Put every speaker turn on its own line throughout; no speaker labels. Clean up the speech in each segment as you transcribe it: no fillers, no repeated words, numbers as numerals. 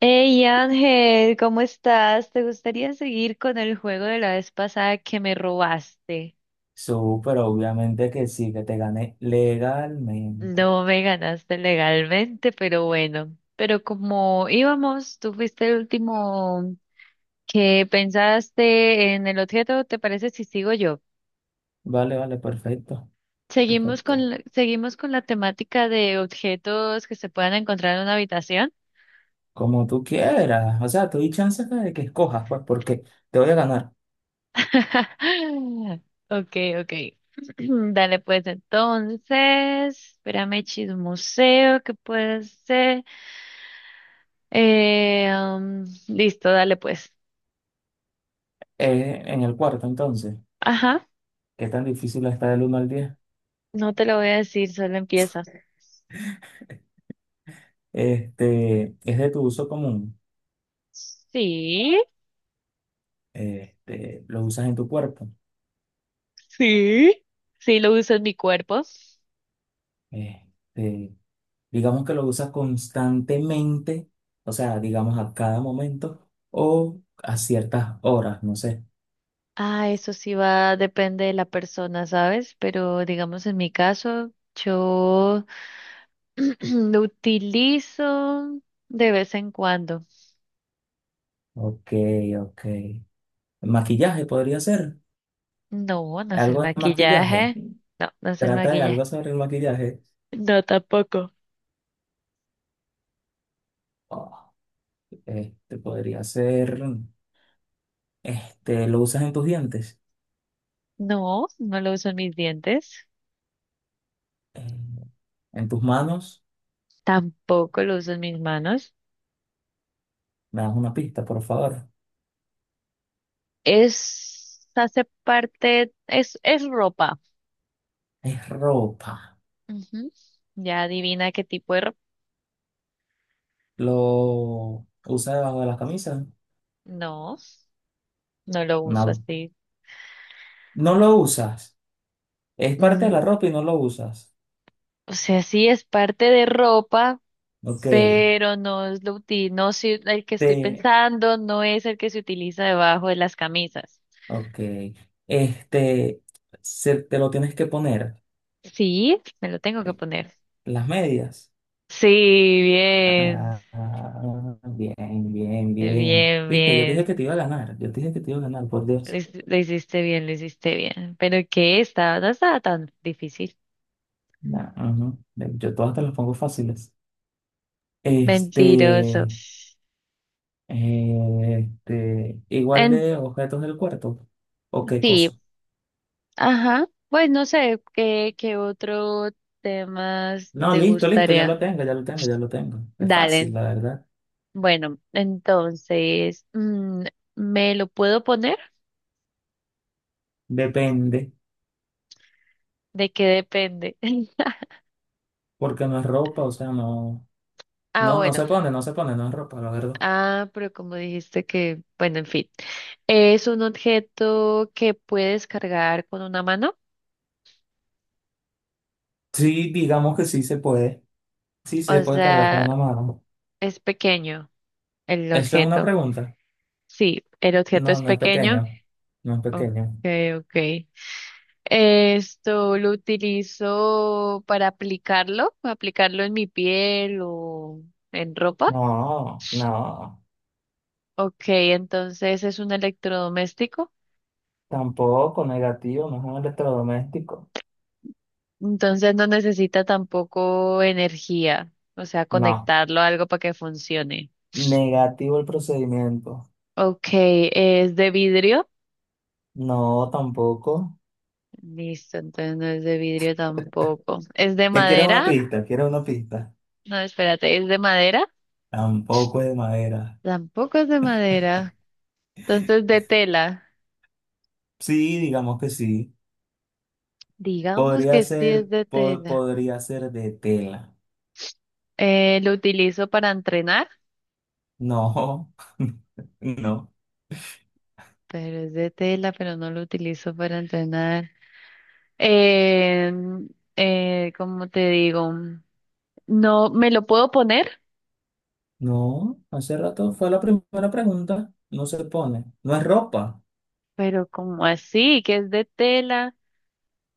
Hey Ángel, ¿cómo estás? ¿Te gustaría seguir con el juego de la vez pasada que me robaste?
Súper, obviamente que sí, que te gané legalmente.
No me ganaste legalmente, pero bueno. Pero como íbamos, tú fuiste el último que pensaste en el objeto, ¿te parece si sigo yo?
Vale, vale, perfecto,
Seguimos
perfecto.
con, seguimos con la temática de objetos que se puedan encontrar en una habitación.
Como tú quieras. O sea, tú doy chances de que escojas, pues, porque te voy a ganar.
Okay, okay. Dale, pues entonces, espérame, chismoseo, ¿qué puede ser? Listo, dale, pues.
En el cuarto, entonces.
Ajá,
¿Qué tan difícil está del 1 al 10?
no te lo voy a decir, solo empieza.
Este, es de tu uso común.
Sí,
Este, lo usas en tu cuerpo.
sí, sí, lo uso en mi cuerpo.
Este, digamos que lo usas constantemente, o sea, digamos a cada momento o a ciertas horas, no sé.
Ah, eso sí va, depende de la persona, ¿sabes? Pero digamos en mi caso, yo lo utilizo de vez en cuando.
Ok, ok. Maquillaje podría ser.
No, no es el
Algo de
maquillaje.
maquillaje.
No, no es el
Trata de algo
maquillaje.
sobre el maquillaje.
No, tampoco.
Oh, este podría ser. Este, ¿lo usas en tus dientes?
No, no lo uso en mis dientes.
Eh, en tus manos.
Tampoco lo uso en mis manos.
Me das una pista, por favor.
Es, hace parte, es ropa.
Es ropa.
Ujú. Ya adivina qué tipo de ropa.
¿Lo usas debajo de las camisas?
No, no lo uso
No.
así.
No lo usas. Es parte de la
Mm,
ropa y no lo usas.
o sea, sí es parte de ropa,
Ok.
pero no es lo util, el que estoy
Te,
pensando, no es el que se utiliza debajo de las camisas.
ok. Este, te lo tienes que poner.
Sí, me lo tengo que
eh,
poner.
Las medias.
Sí, bien,
Ah, bien, bien, bien.
bien,
Viste, yo te dije
bien.
que te iba a ganar. Yo te dije que te iba a ganar, por Dios.
Lo hiciste bien, lo hiciste bien. Pero que estaba, no estaba tan difícil.
Nah, ujú. Yo todas te las pongo fáciles.
Mentiroso.
Este, igual
En
de objetos del cuerpo. ¿O qué
sí,
cosa?
ajá. Pues no sé qué, qué otro temas
No,
te
listo, listo, ya lo
gustaría.
tengo, ya lo tengo, ya lo tengo. Es fácil,
Dale.
la verdad.
Bueno, entonces, mm, ¿me lo puedo poner?
Depende,
¿De qué depende?
porque no es ropa, o sea, no,
Ah,
no, no
bueno.
se pone, no se pone, no es ropa, la verdad.
Ah, pero como dijiste que, bueno, en fin, es un objeto que puedes cargar con una mano,
Sí, digamos que sí se puede. Sí, sí se
o
puede cargar con
sea,
una mano.
es pequeño el
Eso es una
objeto.
pregunta.
Sí, el objeto
No,
es
no es
pequeño.
pequeño. No es
Ok,
pequeño.
ok. Esto lo utilizo para aplicarlo, aplicarlo en mi piel o en ropa.
No, no.
Ok, entonces es un electrodoméstico.
Tampoco negativo, no es un electrodoméstico.
Entonces no necesita tampoco energía, o sea,
No.
conectarlo a algo para que funcione.
Negativo el procedimiento.
Ok, ¿es de vidrio?
No, tampoco.
Listo, entonces no es de vidrio tampoco. ¿Es de
¿Qué quieres una
madera?
pista? ¿Quieres una pista?
No, espérate, ¿es de madera?
Tampoco es de madera.
Tampoco es de madera. Entonces de tela.
Sí, digamos que sí.
Digamos que
Podría
sí es
ser,
de tela.
podría ser de tela.
Lo utilizo para entrenar,
No, no.
pero es de tela, pero no lo utilizo para entrenar. Eh, ¿Cómo te digo? No me lo puedo poner,
No, hace rato fue la primera pregunta. No se pone. No es ropa.
pero como así, que es de tela.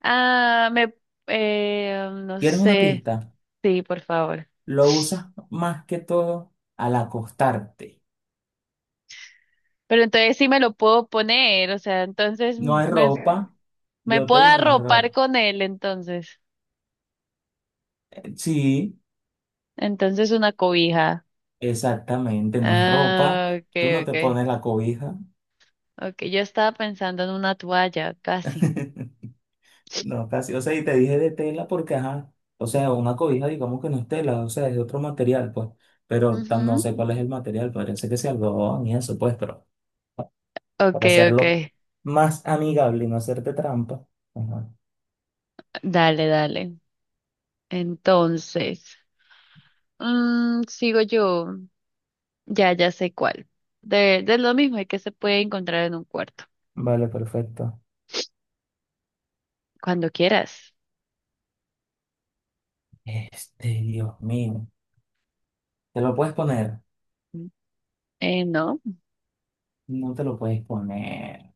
Ah, me, no
¿Quieres una
sé.
pista?
Sí, por favor.
Lo usas más que todo al acostarte.
Pero entonces sí me lo puedo poner, o sea, entonces
No hay
me,
ropa.
me
Yo te
puedo
dije, no es
arropar
ropa.
con él, entonces.
Sí,
Entonces una cobija.
exactamente, no es ropa.
Ah,
Tú
okay,
no te
okay.
pones la cobija.
Okay, yo estaba pensando en una toalla, casi.
No, casi. O sea, y te dije de tela porque, ajá. O sea, una cobija, digamos que no es tela, o sea, es de otro material, pues. Pero
Ujú.
no sé cuál es el material, parece que sea algodón y eso, pues, pero para
Okay,
hacerlo
okay.
más amigable y no hacerte trampa. Ajá.
Dale, dale. Entonces, mm, sigo yo. Ya, ya sé cuál. De lo mismo, y que se puede encontrar en un cuarto,
Vale, perfecto.
cuando quieras.
Este, Dios mío. ¿Te lo puedes poner?
No,
No te lo puedes poner.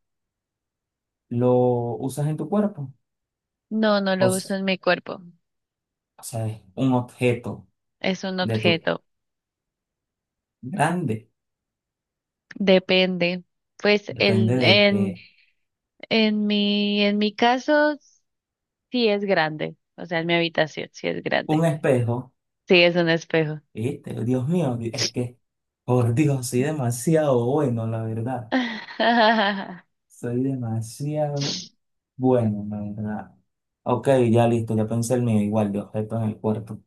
Lo usas en tu cuerpo.
no, no
O,
lo uso
s-
en mi cuerpo.
o sea, es un objeto
Es un
de tu
objeto.
grande.
Depende. Pues
Depende
el,
de que
en, en en mi caso, sí es grande. O sea, en mi habitación, sí es
un
grande.
espejo,
Sí, es un espejo.
¿viste? Dios mío, es que, por Dios, soy demasiado bueno, la verdad. Soy demasiado bueno, la verdad. Ok, ya listo, ya pensé el mío, igual de objeto en el cuerpo.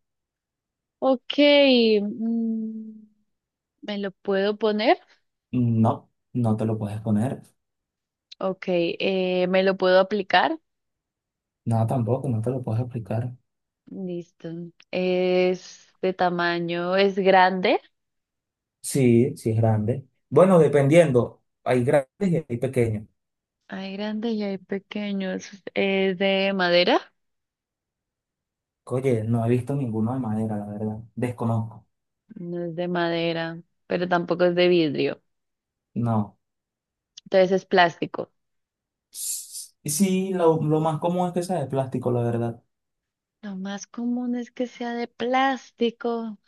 Ok, mm, ¿me lo puedo poner?
No, no te lo puedes poner.
Ok, ¿me lo puedo aplicar?
No, tampoco, no te lo puedes aplicar.
Listo. Es de tamaño, es grande.
Sí, sí es grande. Bueno, dependiendo, hay grandes y hay pequeños.
Hay grande y hay pequeños. Es de madera.
Oye, no he visto ninguno de madera, la verdad. Desconozco.
No es de madera, pero tampoco es de vidrio.
No.
Entonces es plástico.
Y sí, lo más común es que sea de plástico, la verdad.
Lo más común es que sea de plástico,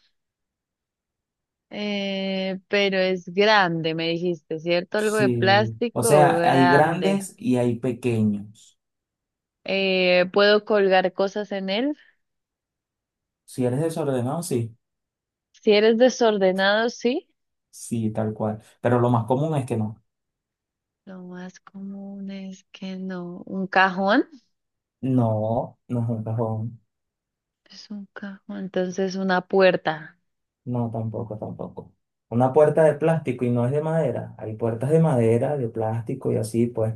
pero es grande, me dijiste, ¿cierto? Algo de
Sí. O
plástico
sea, hay
grande.
grandes y hay pequeños.
¿Puedo colgar cosas en él?
Si eres desordenado, sí.
Si eres desordenado, sí.
Sí, tal cual. Pero lo más común es que no.
Lo más común es que no. ¿Un cajón?
No, no es un cajón.
Es un cajón, entonces una puerta.
No, tampoco, tampoco. Una puerta de plástico y no es de madera. Hay puertas de madera, de plástico y así, pues.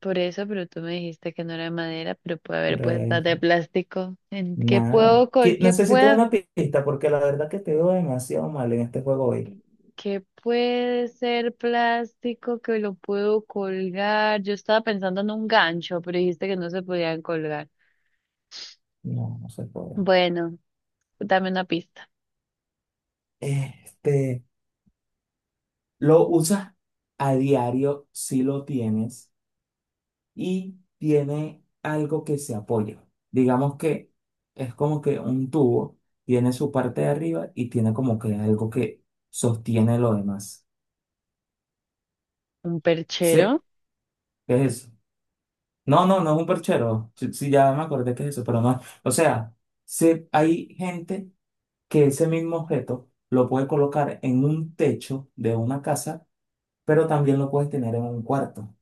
Por eso, pero tú me dijiste que no era de madera, pero puede haber
Por
puertas de
eso.
plástico. ¿En qué
Nada.
puedo, col- ¿qué
Necesito
puedo,
una pista porque la verdad que te veo demasiado mal en este juego hoy.
qué puede ser plástico que lo puedo colgar? Yo estaba pensando en un gancho, pero dijiste que no se podían colgar.
No, no se puede.
Bueno, dame una pista.
Este, lo usas a diario si lo tienes y tiene algo que se apoya. Digamos que es como que un tubo tiene su parte de arriba y tiene como que algo que sostiene lo demás.
¿Un perchero?
Sí, ¿qué es eso? No, no, no es un perchero. Sí, sí, ya me acordé que es eso, pero no. O sea, sí, hay gente que ese mismo objeto lo puedes colocar en un techo de una casa, pero también lo puedes tener en un cuarto,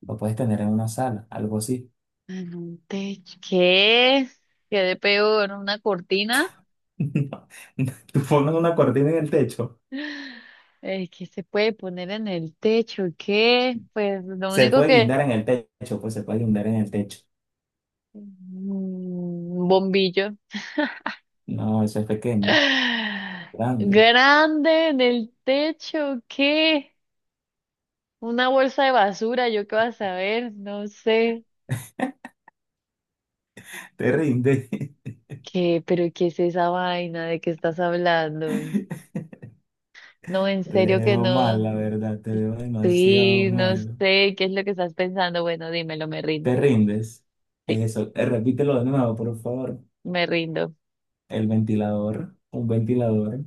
lo puedes tener en una sala, algo así.
En un techo. ¿Qué? ¿Qué de peor? ¿Una cortina?
No, no, tú pones una cortina en el techo,
El que se puede poner en el techo, ¿qué? Pues lo
se
único
puede guindar en
que...
el techo, pues se puede guindar en el techo.
Un bombillo.
No, eso es pequeño, grande,
Grande en el techo, ¿qué? Una bolsa de basura, ¿yo qué vas a saber? No sé.
te rinde.
¿Qué? ¿Pero qué es esa vaina? ¿De qué estás hablando? No, en
Te
serio que
veo mal,
no.
la verdad, te veo demasiado
Sí, no
mal.
sé, ¿qué es lo que estás pensando? Bueno, dímelo, me
¿Te
rindo.
rindes?
Sí,
Eso, repítelo de nuevo, por favor.
me rindo.
El ventilador, un ventilador.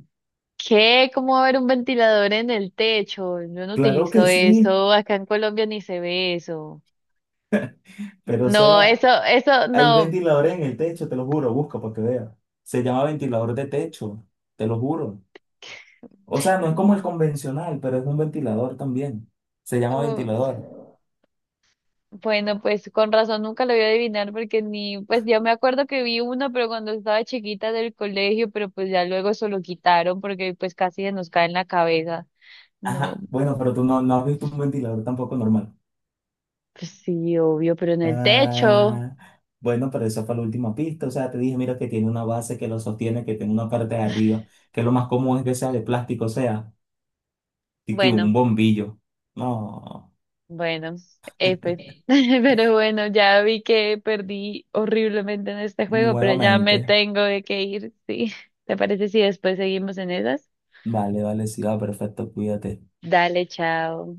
¿Qué? ¿Cómo va a haber un ventilador en el techo? Yo no
Claro
utilizo
que sí,
eso, acá en Colombia ni se ve eso.
pero o
No,
sea,
eso,
hay
no.
ventiladores en el techo, te lo juro, busca para que veas. Se llama ventilador de techo, te lo juro. O sea, no es como el convencional, pero es un ventilador también. Se llama
Uh,
ventilador.
bueno, pues con razón nunca lo voy a adivinar porque ni, pues ya me acuerdo que vi uno, pero cuando estaba chiquita del colegio, pero pues ya luego eso lo quitaron porque pues casi se nos cae en la cabeza. No,
Ajá, bueno, pero tú no has visto un ventilador tampoco normal.
pues sí, obvio, pero en el techo.
Ah, bueno, pero esa fue la última pista. O sea, te dije, mira, que tiene una base que lo sostiene, que tiene una parte de arriba, que lo más común es que sea de plástico, o sea, y que
Bueno.
un bombillo. No,
Bueno, pues, pero bueno, ya vi que perdí horriblemente en este juego, pero ya me
nuevamente.
tengo de que ir, ¿sí? ¿Te parece si después seguimos en esas?
Vale, vale, sí, va, perfecto, cuídate.
Dale, chao.